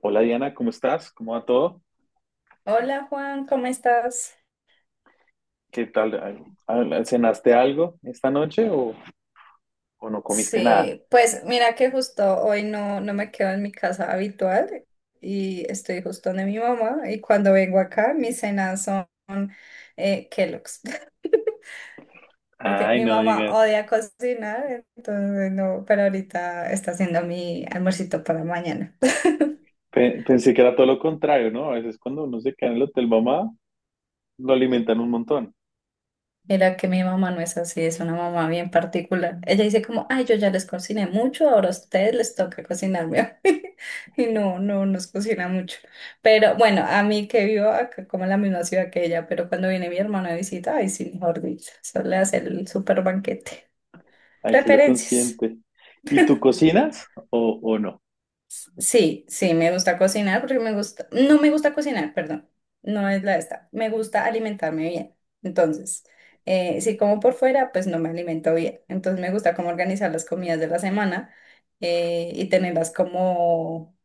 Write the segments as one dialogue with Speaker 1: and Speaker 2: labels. Speaker 1: Hola Diana, ¿cómo estás? ¿Cómo va todo?
Speaker 2: Hola Juan, ¿cómo estás?
Speaker 1: ¿Qué tal? ¿Cenaste algo esta noche o no comiste nada?
Speaker 2: Sí, pues mira que justo hoy no, no me quedo en mi casa habitual y estoy justo donde mi mamá y cuando vengo acá mis cenas son Kellogg's porque
Speaker 1: Ay,
Speaker 2: mi
Speaker 1: no
Speaker 2: mamá
Speaker 1: digas.
Speaker 2: odia cocinar, entonces no, pero ahorita está haciendo mi almuercito para mañana.
Speaker 1: Pensé que era todo lo contrario, ¿no? A veces cuando uno se queda en el hotel mamá, lo alimentan un montón.
Speaker 2: Mira que mi mamá no es así, es una mamá bien particular. Ella dice como, "Ay, yo ya les cociné mucho, ahora a ustedes les toca cocinarme a mí". Y no, no nos cocina mucho. Pero bueno, a mí que vivo acá como en la misma ciudad que ella, pero cuando viene mi hermano de visita, ay, sí, mejor dicho, eso le hace el super banquete.
Speaker 1: Ahí sí lo
Speaker 2: Preferencias.
Speaker 1: consiente. ¿Y tú cocinas o no?
Speaker 2: Sí, sí, me gusta cocinar porque me gusta, no me gusta cocinar, perdón, no es la esta, me gusta alimentarme bien. Entonces, si como por fuera, pues no me alimento bien. Entonces me gusta como organizar las comidas de la semana, y tenerlas como,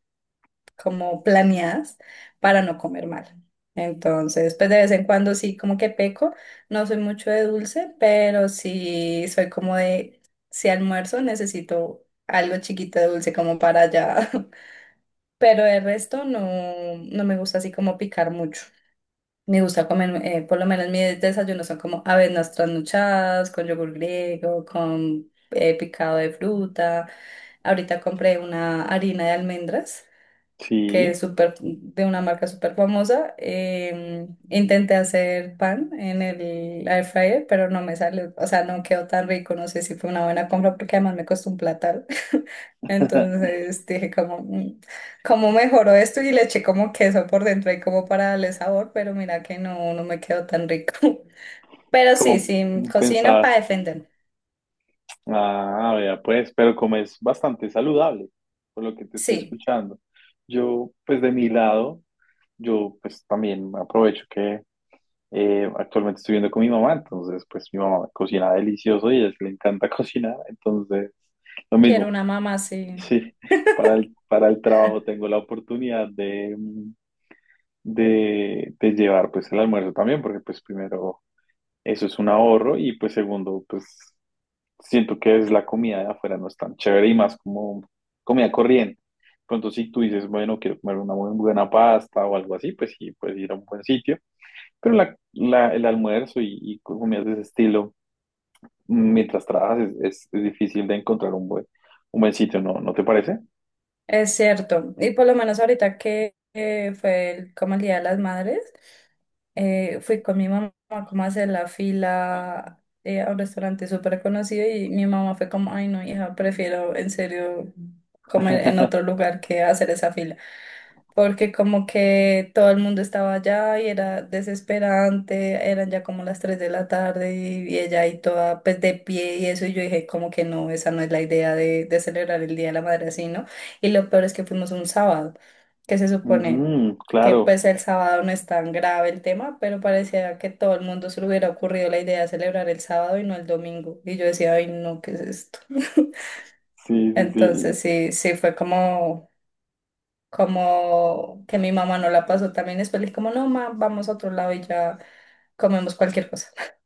Speaker 2: como planeadas para no comer mal. Entonces, pues de vez en cuando sí, como que peco, no soy mucho de dulce, pero sí soy como de, si almuerzo necesito algo chiquito de dulce como para allá. Pero el resto no, no me gusta así como picar mucho. Me gusta comer, por lo menos mis desayunos son como avenas trasnochadas, con yogur griego, con picado de fruta. Ahorita compré una harina de almendras que
Speaker 1: Sí,
Speaker 2: es súper, de una marca súper famosa. Intenté hacer pan en el air fryer, pero no me sale, o sea, no quedó tan rico, no sé si fue una buena compra porque además me costó un platal. Entonces dije como, ¿cómo mejoró esto?". Y le eché como queso por dentro y como para darle sabor, pero mira que no, no me quedó tan rico. Pero sí,
Speaker 1: como
Speaker 2: sí, cocino para
Speaker 1: pensabas.
Speaker 2: defender.
Speaker 1: Ah, vea, pues, pero como es bastante saludable, por lo que te estoy
Speaker 2: Sí,
Speaker 1: escuchando. Yo, pues de mi lado, yo pues también aprovecho que actualmente estoy viviendo con mi mamá, entonces pues mi mamá cocina delicioso y a ella le encanta cocinar, entonces lo
Speaker 2: quiero
Speaker 1: mismo,
Speaker 2: una mamá, sí.
Speaker 1: sí, para el trabajo tengo la oportunidad de llevar pues el almuerzo también, porque pues primero eso es un ahorro y pues segundo pues siento que es la comida de afuera no es tan chévere y más como comida corriente. Pronto si tú dices, bueno, quiero comer una muy buena pasta o algo así, pues sí, puedes ir a un buen sitio, pero la, el almuerzo y comidas de ese estilo, mientras trabajas, es difícil de encontrar un buen sitio, ¿no? ¿No te parece?
Speaker 2: Es cierto, y por lo menos ahorita que fue como el Día de las Madres, fui con mi mamá como a hacer la fila a un restaurante súper conocido y mi mamá fue como, "Ay no, hija, prefiero en serio comer en otro lugar que hacer esa fila", porque como que todo el mundo estaba allá y era desesperante, eran ya como las 3 de la tarde y, ella ahí toda pues de pie y eso, y yo dije como que no, esa no es la idea de celebrar el Día de la Madre así, ¿no? Y lo peor es que fuimos un sábado, que se supone
Speaker 1: Ujú,
Speaker 2: que
Speaker 1: claro,
Speaker 2: pues el sábado no es tan grave el tema, pero parecía que todo el mundo se le hubiera ocurrido la idea de celebrar el sábado y no el domingo, y yo decía, "Ay no, ¿qué es esto?".
Speaker 1: sí, sí, sí.
Speaker 2: Entonces sí, sí fue como que mi mamá no la pasó también después, le dije como, "No, ma, vamos a otro lado y ya comemos cualquier cosa".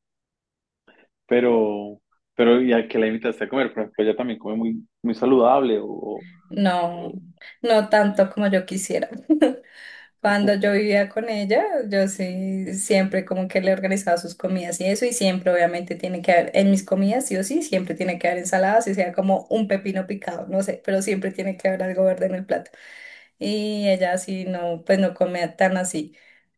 Speaker 1: Pero, pero ¿y a qué la invitaste a comer? Por ejemplo, ella también come muy, muy saludable
Speaker 2: No,
Speaker 1: o-
Speaker 2: no tanto como yo quisiera. Cuando yo vivía con ella, yo sí, siempre como que le organizaba sus comidas y eso, y siempre obviamente tiene que haber, en mis comidas sí o sí, siempre tiene que haber ensaladas, y sea como un pepino picado, no sé, pero siempre tiene que haber algo verde en el plato. Y ella sí no, pues no comía tan así.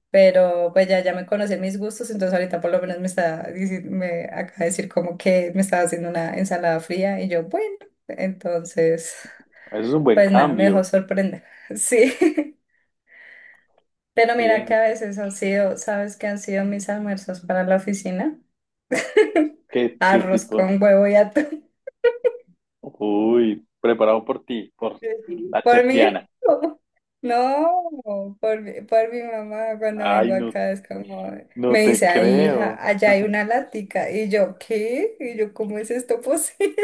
Speaker 2: Pero pues ya, ya me conocí mis gustos, entonces ahorita por lo menos me acaba de decir como que me estaba haciendo una ensalada fría y yo, bueno, entonces,
Speaker 1: Eso es un buen
Speaker 2: pues nada, me dejó
Speaker 1: cambio.
Speaker 2: sorprender. Sí, pero mira que a
Speaker 1: Bien.
Speaker 2: veces han sido, ¿sabes qué han sido mis almuerzos para la oficina?
Speaker 1: ¿Qué
Speaker 2: Arroz
Speaker 1: tipo?
Speaker 2: con huevo y atún.
Speaker 1: Uy, preparado por ti, por la
Speaker 2: Por
Speaker 1: chef
Speaker 2: mí,
Speaker 1: Diana.
Speaker 2: no, por mi mamá cuando
Speaker 1: Ay,
Speaker 2: vengo
Speaker 1: no,
Speaker 2: acá es como,
Speaker 1: no
Speaker 2: me
Speaker 1: te
Speaker 2: dice, "Ay hija,
Speaker 1: creo.
Speaker 2: allá hay una lática". Y yo, "¿Qué?". Y yo, "¿Cómo es esto posible?".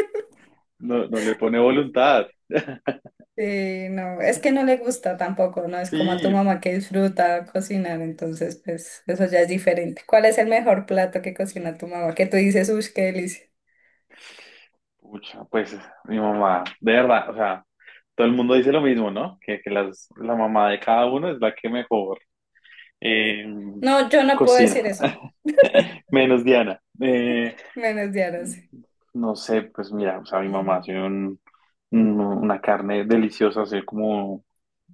Speaker 1: No, no le pone voluntad.
Speaker 2: Sí, no, es que no le gusta tampoco, no es como a tu
Speaker 1: Sí,
Speaker 2: mamá que disfruta cocinar, entonces pues eso ya es diferente. ¿Cuál es el mejor plato que cocina tu mamá? Que tú dices, "Uy, qué delicia".
Speaker 1: pucha, pues mi mamá, de verdad, o sea, todo el mundo dice lo mismo, ¿no? Que la mamá de cada uno es la que mejor eh,
Speaker 2: No, yo no puedo
Speaker 1: cocina,
Speaker 2: decir eso,
Speaker 1: menos Diana. Eh,
Speaker 2: menos de ahora
Speaker 1: no sé, pues mira, o sea, mi mamá
Speaker 2: sí.
Speaker 1: hace una carne deliciosa, así como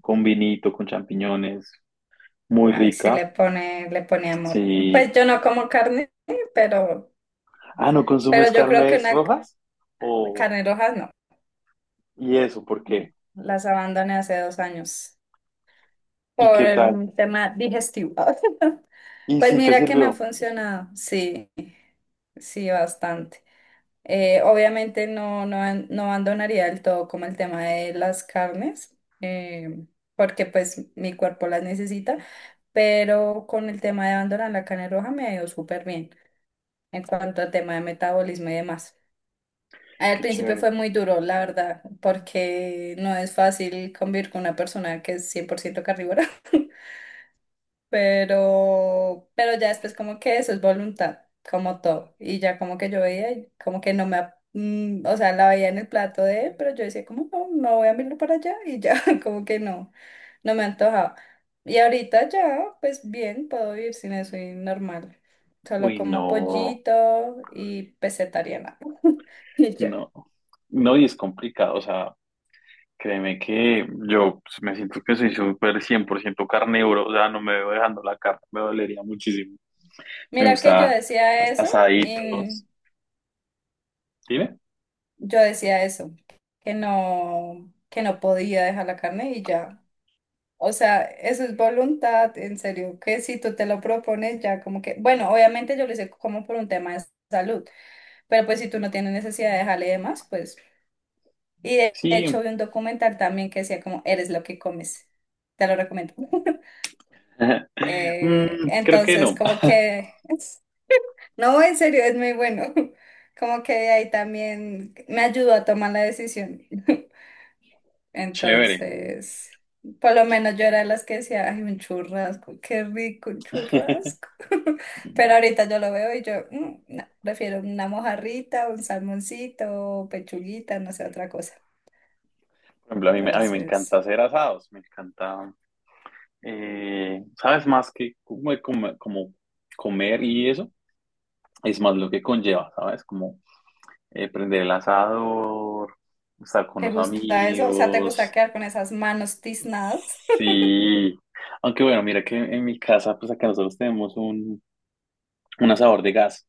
Speaker 1: con vinito, con champiñones, muy
Speaker 2: Ay, sí
Speaker 1: rica.
Speaker 2: le pone amor.
Speaker 1: Sí.
Speaker 2: Pues yo no como carne, pero,
Speaker 1: Ah, ¿no consumes
Speaker 2: yo creo que
Speaker 1: carnes
Speaker 2: una
Speaker 1: rojas?
Speaker 2: carne roja no.
Speaker 1: ¿Y eso por
Speaker 2: No.
Speaker 1: qué?
Speaker 2: Las abandoné hace 2 años
Speaker 1: ¿Y
Speaker 2: por
Speaker 1: qué tal?
Speaker 2: un tema digestivo.
Speaker 1: ¿Y
Speaker 2: Pues
Speaker 1: si te
Speaker 2: mira que me ha
Speaker 1: sirvió?
Speaker 2: funcionado, sí, sí, bastante. Obviamente no, no, no abandonaría del todo como el tema de las carnes, porque pues mi cuerpo las necesita, pero con el tema de abandonar la carne roja me ha ido súper bien en cuanto al tema de metabolismo y demás. Al
Speaker 1: Qué
Speaker 2: principio
Speaker 1: chévere.
Speaker 2: fue muy duro, la verdad, porque no es fácil convivir con una persona que es 100% carnívora. Pero, ya después como que eso es voluntad, como todo. Y ya como que yo veía, y como que no me, o sea, la veía en el plato de él, pero yo decía como no, no voy a mirarlo para allá y ya, como que no, no me antojaba. Y ahorita ya, pues bien, puedo vivir sin eso y normal. Solo
Speaker 1: Uy,
Speaker 2: como
Speaker 1: no,
Speaker 2: pollito y vegetariana. Y ya.
Speaker 1: no. No, y es complicado. O sea, créeme que yo pues, me siento que soy súper 100% carnívoro. O sea, no me veo dejando la carne, me dolería muchísimo. Me
Speaker 2: Mira que yo
Speaker 1: gusta
Speaker 2: decía eso y
Speaker 1: asaditos. Dime.
Speaker 2: yo decía eso, que no podía dejar la carne y ya. O sea, eso es voluntad, en serio, que si tú te lo propones ya como que, bueno, obviamente yo lo hice como por un tema de salud, pero pues si tú no tienes necesidad de dejarle y demás, pues, y de
Speaker 1: Sí.
Speaker 2: hecho vi un documental también que decía como, "Eres lo que comes", te lo recomiendo.
Speaker 1: Creo que
Speaker 2: Entonces,
Speaker 1: no.
Speaker 2: como que, no, en serio, es muy bueno, como que de ahí también me ayudó a tomar la decisión.
Speaker 1: Chévere.
Speaker 2: Entonces, por lo menos yo era de las que decía, "Ay, un churrasco, qué rico un
Speaker 1: Por
Speaker 2: churrasco". Pero ahorita yo lo veo y yo, "Mm, no, prefiero una mojarrita, un salmoncito, pechuguita, no sé, otra cosa".
Speaker 1: ejemplo, a mí, a mí me
Speaker 2: Entonces,
Speaker 1: encanta hacer asados. Me encanta. Sabes más que como, comer y eso, es más lo que conlleva, ¿sabes? Como prender el asador, estar con
Speaker 2: ¿te
Speaker 1: los
Speaker 2: gusta eso? O sea, ¿te gusta
Speaker 1: amigos,
Speaker 2: quedar con esas manos tiznadas?
Speaker 1: sí. Aunque bueno, mira que en mi casa, pues acá nosotros tenemos un asador de gas,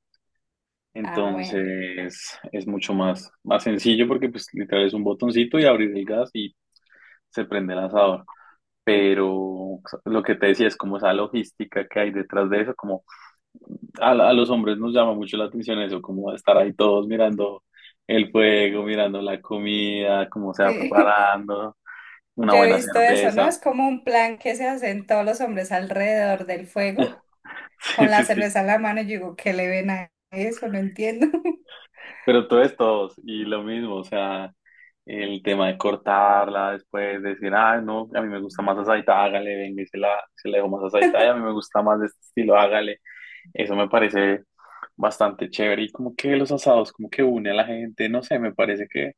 Speaker 2: Ah, bueno.
Speaker 1: entonces es mucho más, más sencillo porque pues literal es un botoncito y abrir el gas y se prende el asador. Pero lo que te decía es como esa logística que hay detrás de eso, como a los hombres nos llama mucho la atención eso, como estar ahí todos mirando el fuego, mirando la comida, cómo se va
Speaker 2: Sí,
Speaker 1: preparando, una
Speaker 2: yo he
Speaker 1: buena
Speaker 2: visto eso, ¿no?
Speaker 1: cerveza.
Speaker 2: Es como un plan que se hacen todos los hombres alrededor del fuego,
Speaker 1: Sí,
Speaker 2: con
Speaker 1: sí,
Speaker 2: la
Speaker 1: sí.
Speaker 2: cerveza en la mano. Y yo digo, "¿Qué le ven a eso? No entiendo".
Speaker 1: Pero todo es todos. Y lo mismo, o sea, el tema de cortarla después, decir, ah, no, a mí me gusta más asadita, hágale, venga, y se la dejo más asadita y a mí me gusta más de este estilo, hágale. Eso me parece bastante chévere y como que los asados, como que une a la gente, no sé, me parece que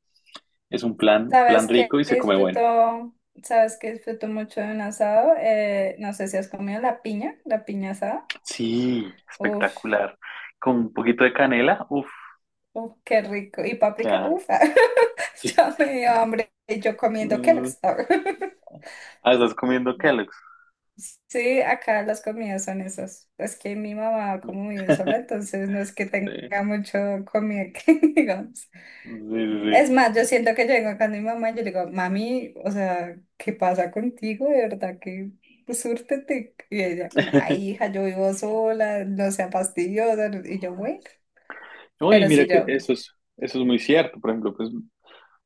Speaker 1: es un plan, plan
Speaker 2: Sabes que
Speaker 1: rico y se come bueno.
Speaker 2: disfruto, sabes que disfruto mucho de un asado. No sé si has comido la piña asada.
Speaker 1: Sí,
Speaker 2: Uf,
Speaker 1: espectacular. Con un poquito de canela, uff,
Speaker 2: uf, qué rico. Y paprika.
Speaker 1: ya.
Speaker 2: Uf, ya me dio hambre. Y yo comiendo
Speaker 1: Mm,
Speaker 2: Kellogg's.
Speaker 1: ah, estás comiendo Kellogg's.
Speaker 2: Sí, acá las comidas son esas. Es que mi mamá como vive sola, entonces no es que tenga
Speaker 1: Sí,
Speaker 2: mucho comida que digamos.
Speaker 1: sí, sí, sí.
Speaker 2: Es más, yo siento que yo vengo acá con mi mamá y yo le digo, "Mami, o sea, ¿qué pasa contigo? De verdad que pues, súrtete". Y ella como, "Ay, hija, yo vivo sola, no sea fastidiosa". Y yo, bueno,
Speaker 1: No, y
Speaker 2: pero
Speaker 1: mira
Speaker 2: sí,
Speaker 1: que
Speaker 2: yo,
Speaker 1: eso es muy cierto. Por ejemplo, pues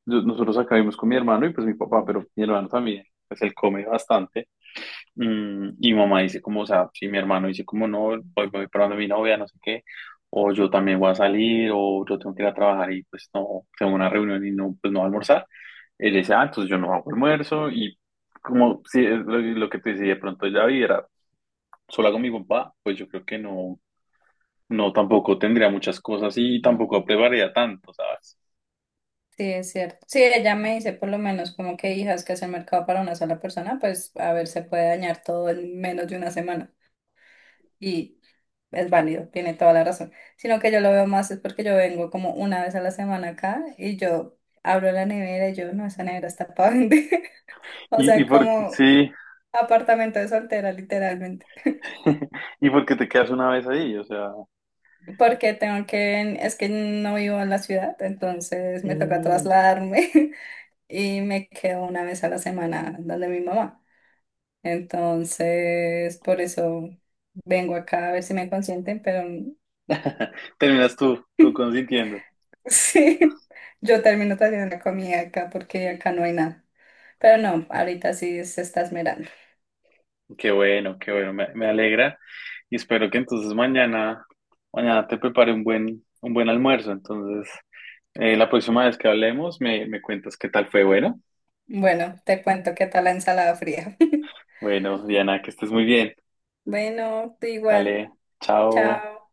Speaker 1: nosotros acá vivimos con mi hermano y pues mi papá, pero mi hermano también, pues él come bastante. Y mamá dice como, o sea, si mi hermano dice como no, hoy me voy para donde mi novia, no sé qué, o yo también voy a salir, o yo tengo que ir a trabajar y pues no, tengo una reunión y no, pues no voy a almorzar, él dice, ah, entonces yo no hago almuerzo y como si es lo, que te decía, de pronto ya viviera sola con mi papá, pues yo creo que no, no tampoco tendría muchas cosas y
Speaker 2: sí,
Speaker 1: tampoco prepararía tanto, ¿sabes?
Speaker 2: es cierto. Sí, ella me dice por lo menos como que, "Hija, es que hacer mercado para una sola persona, pues a ver, se puede dañar todo en menos de una semana", y es válido, tiene toda la razón. Sino que yo lo veo más es porque yo vengo como una vez a la semana acá y yo abro la nevera y yo, "No, esa nevera está para vender". O
Speaker 1: Y,
Speaker 2: sea,
Speaker 1: y por,
Speaker 2: como
Speaker 1: sí,
Speaker 2: apartamento de soltera, literalmente.
Speaker 1: y porque te quedas una vez ahí, o sea,
Speaker 2: Porque tengo que, es que no vivo en la ciudad, entonces me toca
Speaker 1: mm,
Speaker 2: trasladarme y me quedo una vez a la semana donde mi mamá. Entonces, por eso vengo acá a ver si me consienten, pero
Speaker 1: terminas tú, consintiendo.
Speaker 2: sí, yo termino trayendo una comida acá porque acá no hay nada. Pero no, ahorita sí se está esmerando.
Speaker 1: Qué bueno, me alegra y espero que entonces mañana, te prepare un buen almuerzo. Entonces, la próxima vez que hablemos, me cuentas qué tal fue. Bueno,
Speaker 2: Bueno, te cuento qué tal la ensalada fría.
Speaker 1: bueno, Diana, que estés muy bien.
Speaker 2: Bueno, tú
Speaker 1: Vale,
Speaker 2: igual.
Speaker 1: chao.
Speaker 2: Chao.